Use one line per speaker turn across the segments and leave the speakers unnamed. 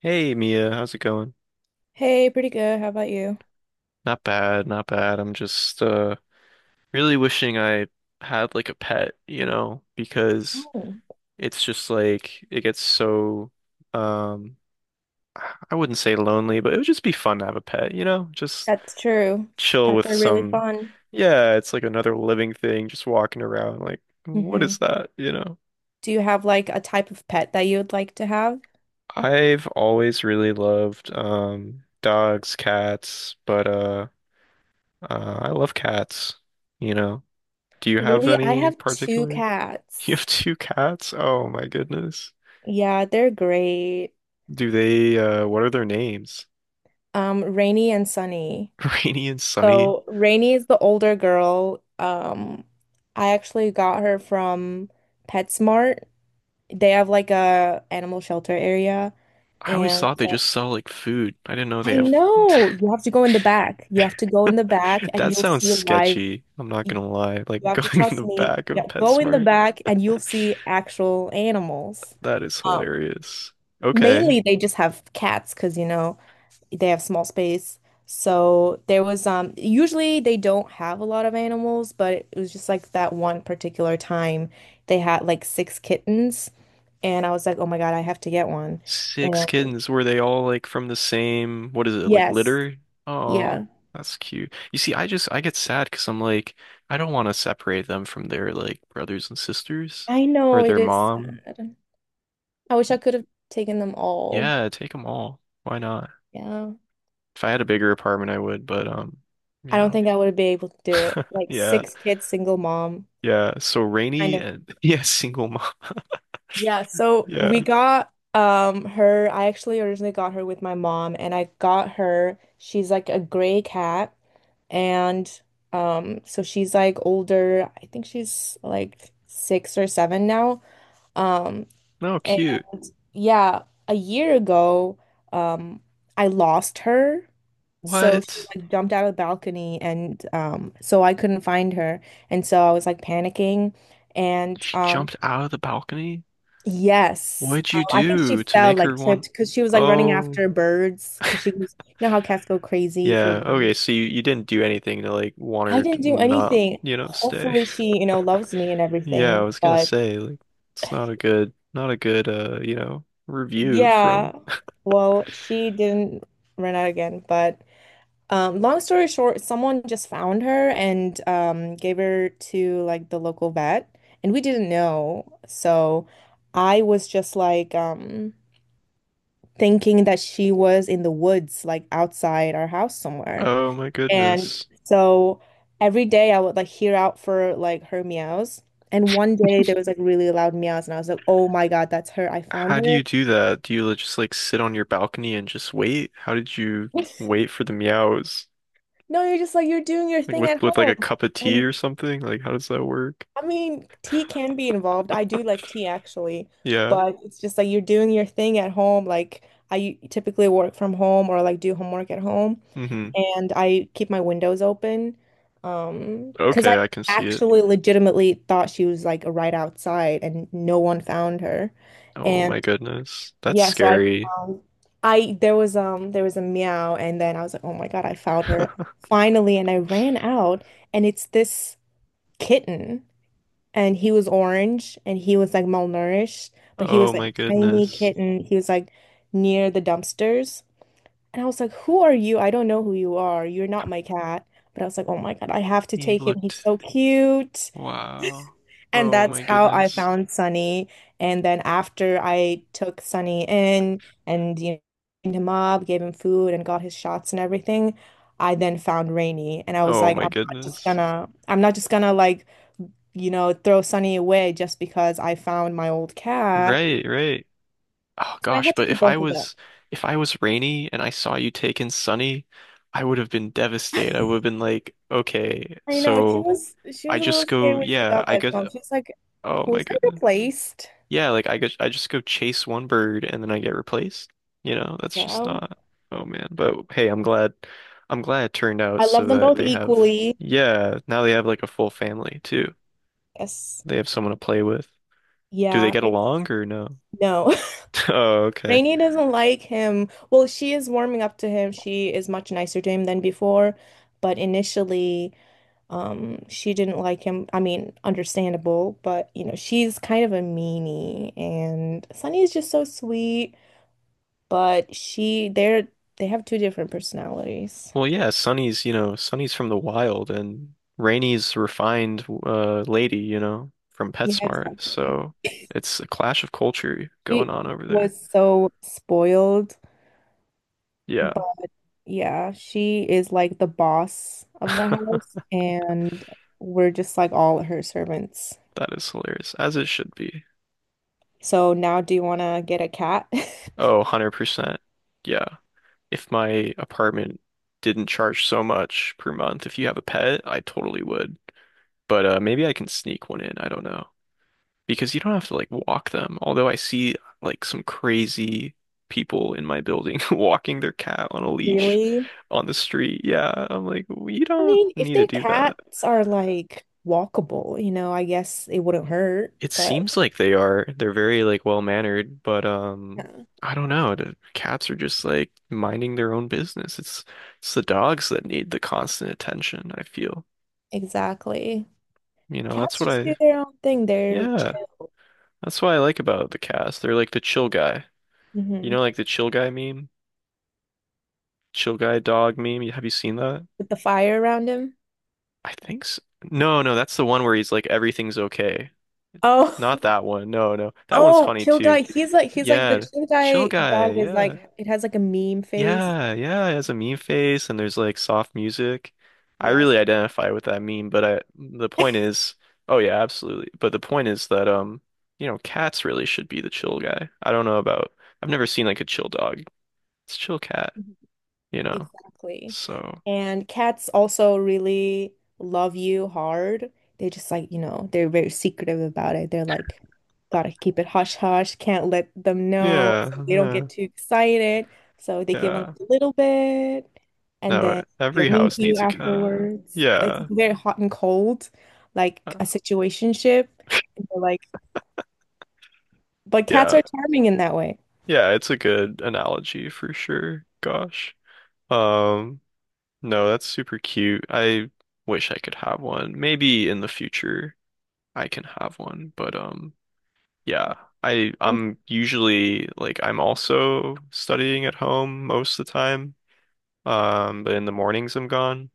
Hey Mia, how's it going?
Hey, pretty good. How about you?
Not bad, not bad. I'm just really wishing I had like a pet, you know, because
Oh,
it's just like it gets so um I wouldn't say lonely, but it would just be fun to have a pet, you know? Just
That's true.
chill
Pets
with
are really
some
fun.
yeah, it's like another living thing just walking around like what is
Hmm.
that, you know?
Do you have like a type of pet that you would like to have?
I've always really loved dogs, cats, but I love cats, you know. Do you have
Really, I
any
have two
particular? You have
cats.
two cats? Oh my goodness.
Yeah, they're great.
Do they, what are their names?
Rainy and Sunny.
Rainy and Sunny?
So Rainy is the older girl. I actually got her from PetSmart. They have like a animal shelter area,
I always
and
thought they just sell like food. I didn't know they
I
have.
know you have to go in the back. You have to go in the back, and
That
you'll
sounds
see live.
sketchy. I'm not
y-
gonna lie.
You
Like
have to
going in
trust
the
me.
back of
Yeah, go in the
PetSmart.
back and you'll see actual animals.
That is
Um,
hilarious. Okay.
Mainly they just have cats because you know they have small space. So there was usually they don't have a lot of animals, but it was just like that one particular time they had like six kittens and I was like, "Oh my God, I have to get one."
Six
And
kittens. Were they all like from the same, what is it, like
yes,
litter? Oh,
yeah.
that's cute. You see, I get sad because I'm like, I don't want to separate them from their like brothers and sisters
I
or
know it
their
is
mom.
sad. I wish I could have taken them all.
Yeah, take them all. Why not?
Yeah.
If I had a bigger apartment, I would, but
I
you
don't
know,
think I would be able to do it. Like
yeah,
six kids, single mom,
yeah. So
kind
Rainy
of.
and yeah, single mom.
Yeah, so we
Yeah.
got her. I actually originally got her with my mom, and I got her. She's like a gray cat, and so she's like older. I think she's like six or seven now. Um,
No,
And
cute.
yeah, a year ago, um, I lost her. So she
What?
like jumped out of the balcony and so I couldn't find her. And so I was like panicking and
She jumped out of the balcony?
yes.
What'd you
I think she
do to
fell
make her
like tripped
want?
because she was like running
Oh.
after birds because she was you know how cats go crazy for
Yeah, okay, so
birds.
you didn't do anything to like want
I
her to
didn't do
not,
anything.
you know, stay.
Hopefully she loves me and
Yeah, I
everything.
was gonna
But
say, like, it's not a good you know, review
yeah,
from
well, she didn't run out again, but long story short, someone just found her and gave her to like the local vet, and we didn't know. So I was just like thinking that she was in the woods, like outside our house somewhere.
Oh my
And
goodness.
so every day I would like hear out for like her meows. And one day there was like really loud meows, and I was like, "Oh my God, that's her! I found
How do
her."
you do that? Do you just like sit on your balcony and just wait? How did you wait for the meows?
No, you're just like you're doing your
Like
thing
with
at
with like a
home.
cup of tea
And
or something? Like how does that work?
I mean, tea can be involved. I do like tea actually,
Yeah.
but it's just like you're doing your thing at home. Like I typically work from home or like do homework at home,
Mm-hmm.
and I keep my windows open. Because I
Okay, I can see it.
actually legitimately thought she was like right outside and no one found her.
Oh
And
my goodness. That's
yeah, so
scary.
I there was a meow and then I was like, "Oh my God, I found her." Finally, and I ran out and it's this kitten and he was orange and he was like malnourished, but he
Oh
was like
my
a tiny
goodness.
kitten. He was like near the dumpsters. And I was like, who are you? I don't know who you are. You're not my cat. But I was like, oh my God, I have to
He
take him. He's
looked
so cute.
Wow.
And
Oh
that's
my
how I
goodness.
found Sunny. And then after I took Sunny in and cleaned him up, gave him food and got his shots and everything, I then found Rainy. And I was
Oh
like,
my
I'm not just
goodness.
gonna, I'm not just gonna throw Sunny away just because I found my old cat.
Right, right. Oh
So I
gosh,
had to
but
keep both of them.
if I was Rainy and I saw you take in Sunny, I would have been devastated. I would have been like, okay,
I know she
so
was she
I
was a
just
little scared
go,
when she
yeah,
got
I
that
guess
phone. She's like,
oh my
was I
goodness.
replaced?
Yeah, like I guess I just go chase one bird and then I get replaced. You know, that's just
Yeah.
not oh man. But hey, I'm glad it turned out
I love
so
them
that
both
they have
equally.
yeah, now they have like a full family too.
Yes.
They have someone to play with. Do they
Yeah.
get
It's
along or no?
No.
Oh, okay.
Rainy doesn't like him. Well, she is warming up to him. She is much nicer to him than before, but initially, she didn't like him. I mean, understandable, but she's kind of a meanie and Sunny is just so sweet, but she they're they have two different personalities.
Well, yeah, Sunny's, you know, Sunny's from the wild and Rainy's refined lady, you know, from
Yeah,
PetSmart.
exactly.
So it's a clash of culture going
She
on over there.
was so spoiled,
Yeah.
but yeah, she is like the boss of the house and we're just like all her servants.
That is hilarious, as it should be.
So now do you want to get a cat?
Oh, 100%. Yeah. If my apartment didn't charge so much per month, if you have a pet, I totally would. But maybe I can sneak one in. I don't know, because you don't have to like walk them. Although I see like some crazy people in my building walking their cat on a leash
Really?
on the street. Yeah, I'm like, we
I
don't
mean, if
need to
their
do that.
cats are like walkable, I guess it wouldn't hurt,
It
but
seems like they are. They're very like well-mannered, but
yeah,
I don't know. The cats are just like minding their own business. It's the dogs that need the constant attention, I feel.
exactly.
You know, that's
Cats
what
just do
I
their own thing. They're
yeah,
chill.
that's what I like about the cats. They're like the chill guy. You know,
Hmm.
like the chill guy meme? Chill Guy dog meme? Have you seen that?
With the fire around him.
I think so. No, no, that's the one where he's like everything's okay.
Oh,
Not that one. No, no. That one's
oh,
funny
chill
too.
guy. He's like, the
Yeah.
chill
Chill
guy
Guy.
dog is
Yeah.
like, it has like a meme face.
Yeah, yeah, it has a meme face and there's like soft music. I
Yes.
really identify with that meme, but I the point is, oh yeah, absolutely. But the point is that you know, cats really should be the chill guy. I don't know about I've never seen like a chill dog. It's chill cat,
Mm-hmm.
you know.
Exactly.
So,
And cats also really love you hard. They just like, they're very secretive about it. They're like, gotta keep it hush hush, can't let them know.
yeah,
So they don't
yeah,
get too excited. So they give them
yeah.
a little bit and
No,
then they're
every
mean to
house
you
needs a cat.
afterwards. Like it's
Yeah.
very hot and cold, like
Uh,
a situationship. And they're like, but cats
Yeah.
are charming in that way.
Yeah, it's a good analogy for sure. Gosh. Um, no, that's super cute. I wish I could have one. Maybe in the future I can have one, but yeah. I
Um,
I'm usually like I'm also studying at home most of the time. But in the mornings I'm gone.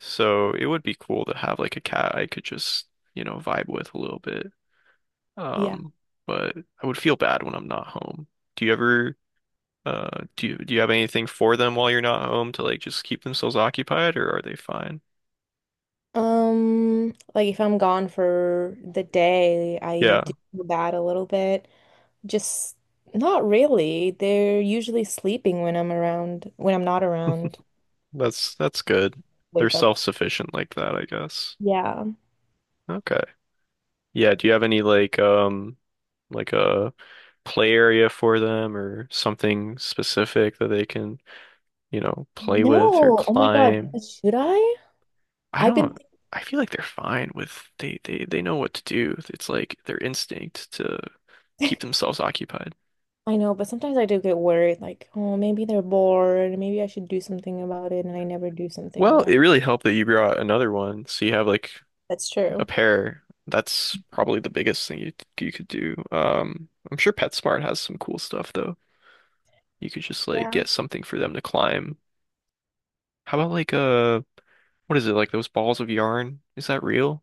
So it would be cool to have like a cat I could just, you know, vibe with a little bit.
yeah.
Um, but I would feel bad when I'm not home. Do you ever do you have anything for them while you're not home to like just keep themselves occupied or are they fine?
Like if I'm gone for the day, I
Yeah,
do that a little bit. Just not really. They're usually sleeping when I'm around, when I'm not around.
that's good. They're
Wake up.
self-sufficient like that, I guess.
Yeah.
Okay. Yeah, do you have any like a play area for them or something specific that they can, you know, play with or
No. Oh my God.
climb?
Should I?
I
I've
don't
been,
I feel like they're fine with they know what to do. It's like their instinct to keep themselves occupied.
I know, but sometimes I do get worried, like, oh, maybe they're bored. Maybe I should do something about it, and I never do something
Well,
about
it
it.
really helped that you brought another one. So you have like
That's
a
true.
pair. That's probably the biggest thing you could do. I'm sure PetSmart has some cool stuff though. You could just like
Yeah.
get something for them to climb. How about like what is it? Like those balls of yarn? Is that real?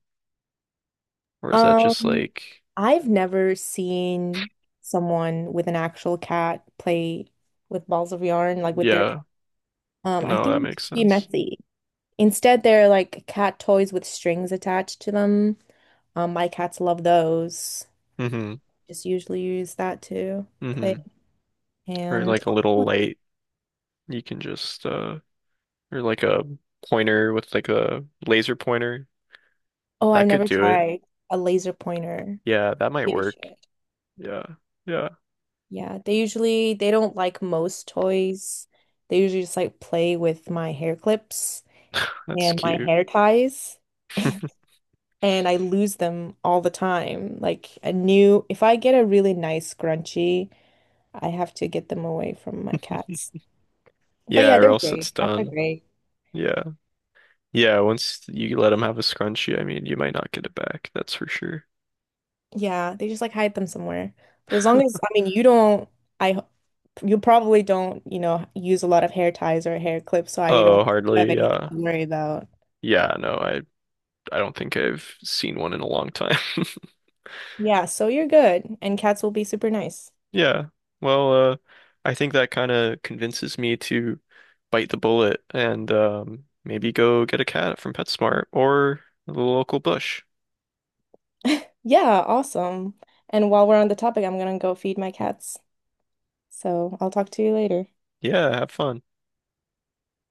Or is that just
Um,
like
I've never seen someone with an actual cat play with balls of yarn, like with their cat.
yeah,
I
no, that
think it'd
makes
just be
sense.
messy. Instead, they're like cat toys with strings attached to them. My cats love those.
Mm-hmm.
Just usually use that to play.
Mm-hmm. Or
And
like a little light. You can just or like a pointer with like a laser pointer.
oh, I've
That could
never
do it.
tried a laser pointer.
Yeah, that might
Yeah, you
work.
should.
Yeah. Yeah.
Yeah, they usually, they don't like most toys. They usually just like play with my hair clips
That's
and my
cute.
hair ties and I lose them all the time. If I get a really nice scrunchie, I have to get them away from my cats. But
Yeah,
yeah,
or
they're
else it's
great. Cats are
done.
great.
Yeah. Yeah, once you let him have a scrunchie, I mean, you might not get it back, that's for sure.
Yeah, they just like hide them somewhere. But as long as, I mean, I, ho- you probably don't, use a lot of hair ties or hair clips, so I don't
Oh,
have
hardly.
anything
Yeah.
to worry about.
Yeah, I don't think I've seen one in a long time.
Yeah, so you're good, and cats will be super nice.
Yeah. Well, I think that kind of convinces me to bite the bullet and maybe go get a cat from PetSmart or the local bush.
Yeah, awesome. And while we're on the topic, I'm gonna go feed my cats. So I'll talk to you later.
Yeah, have fun.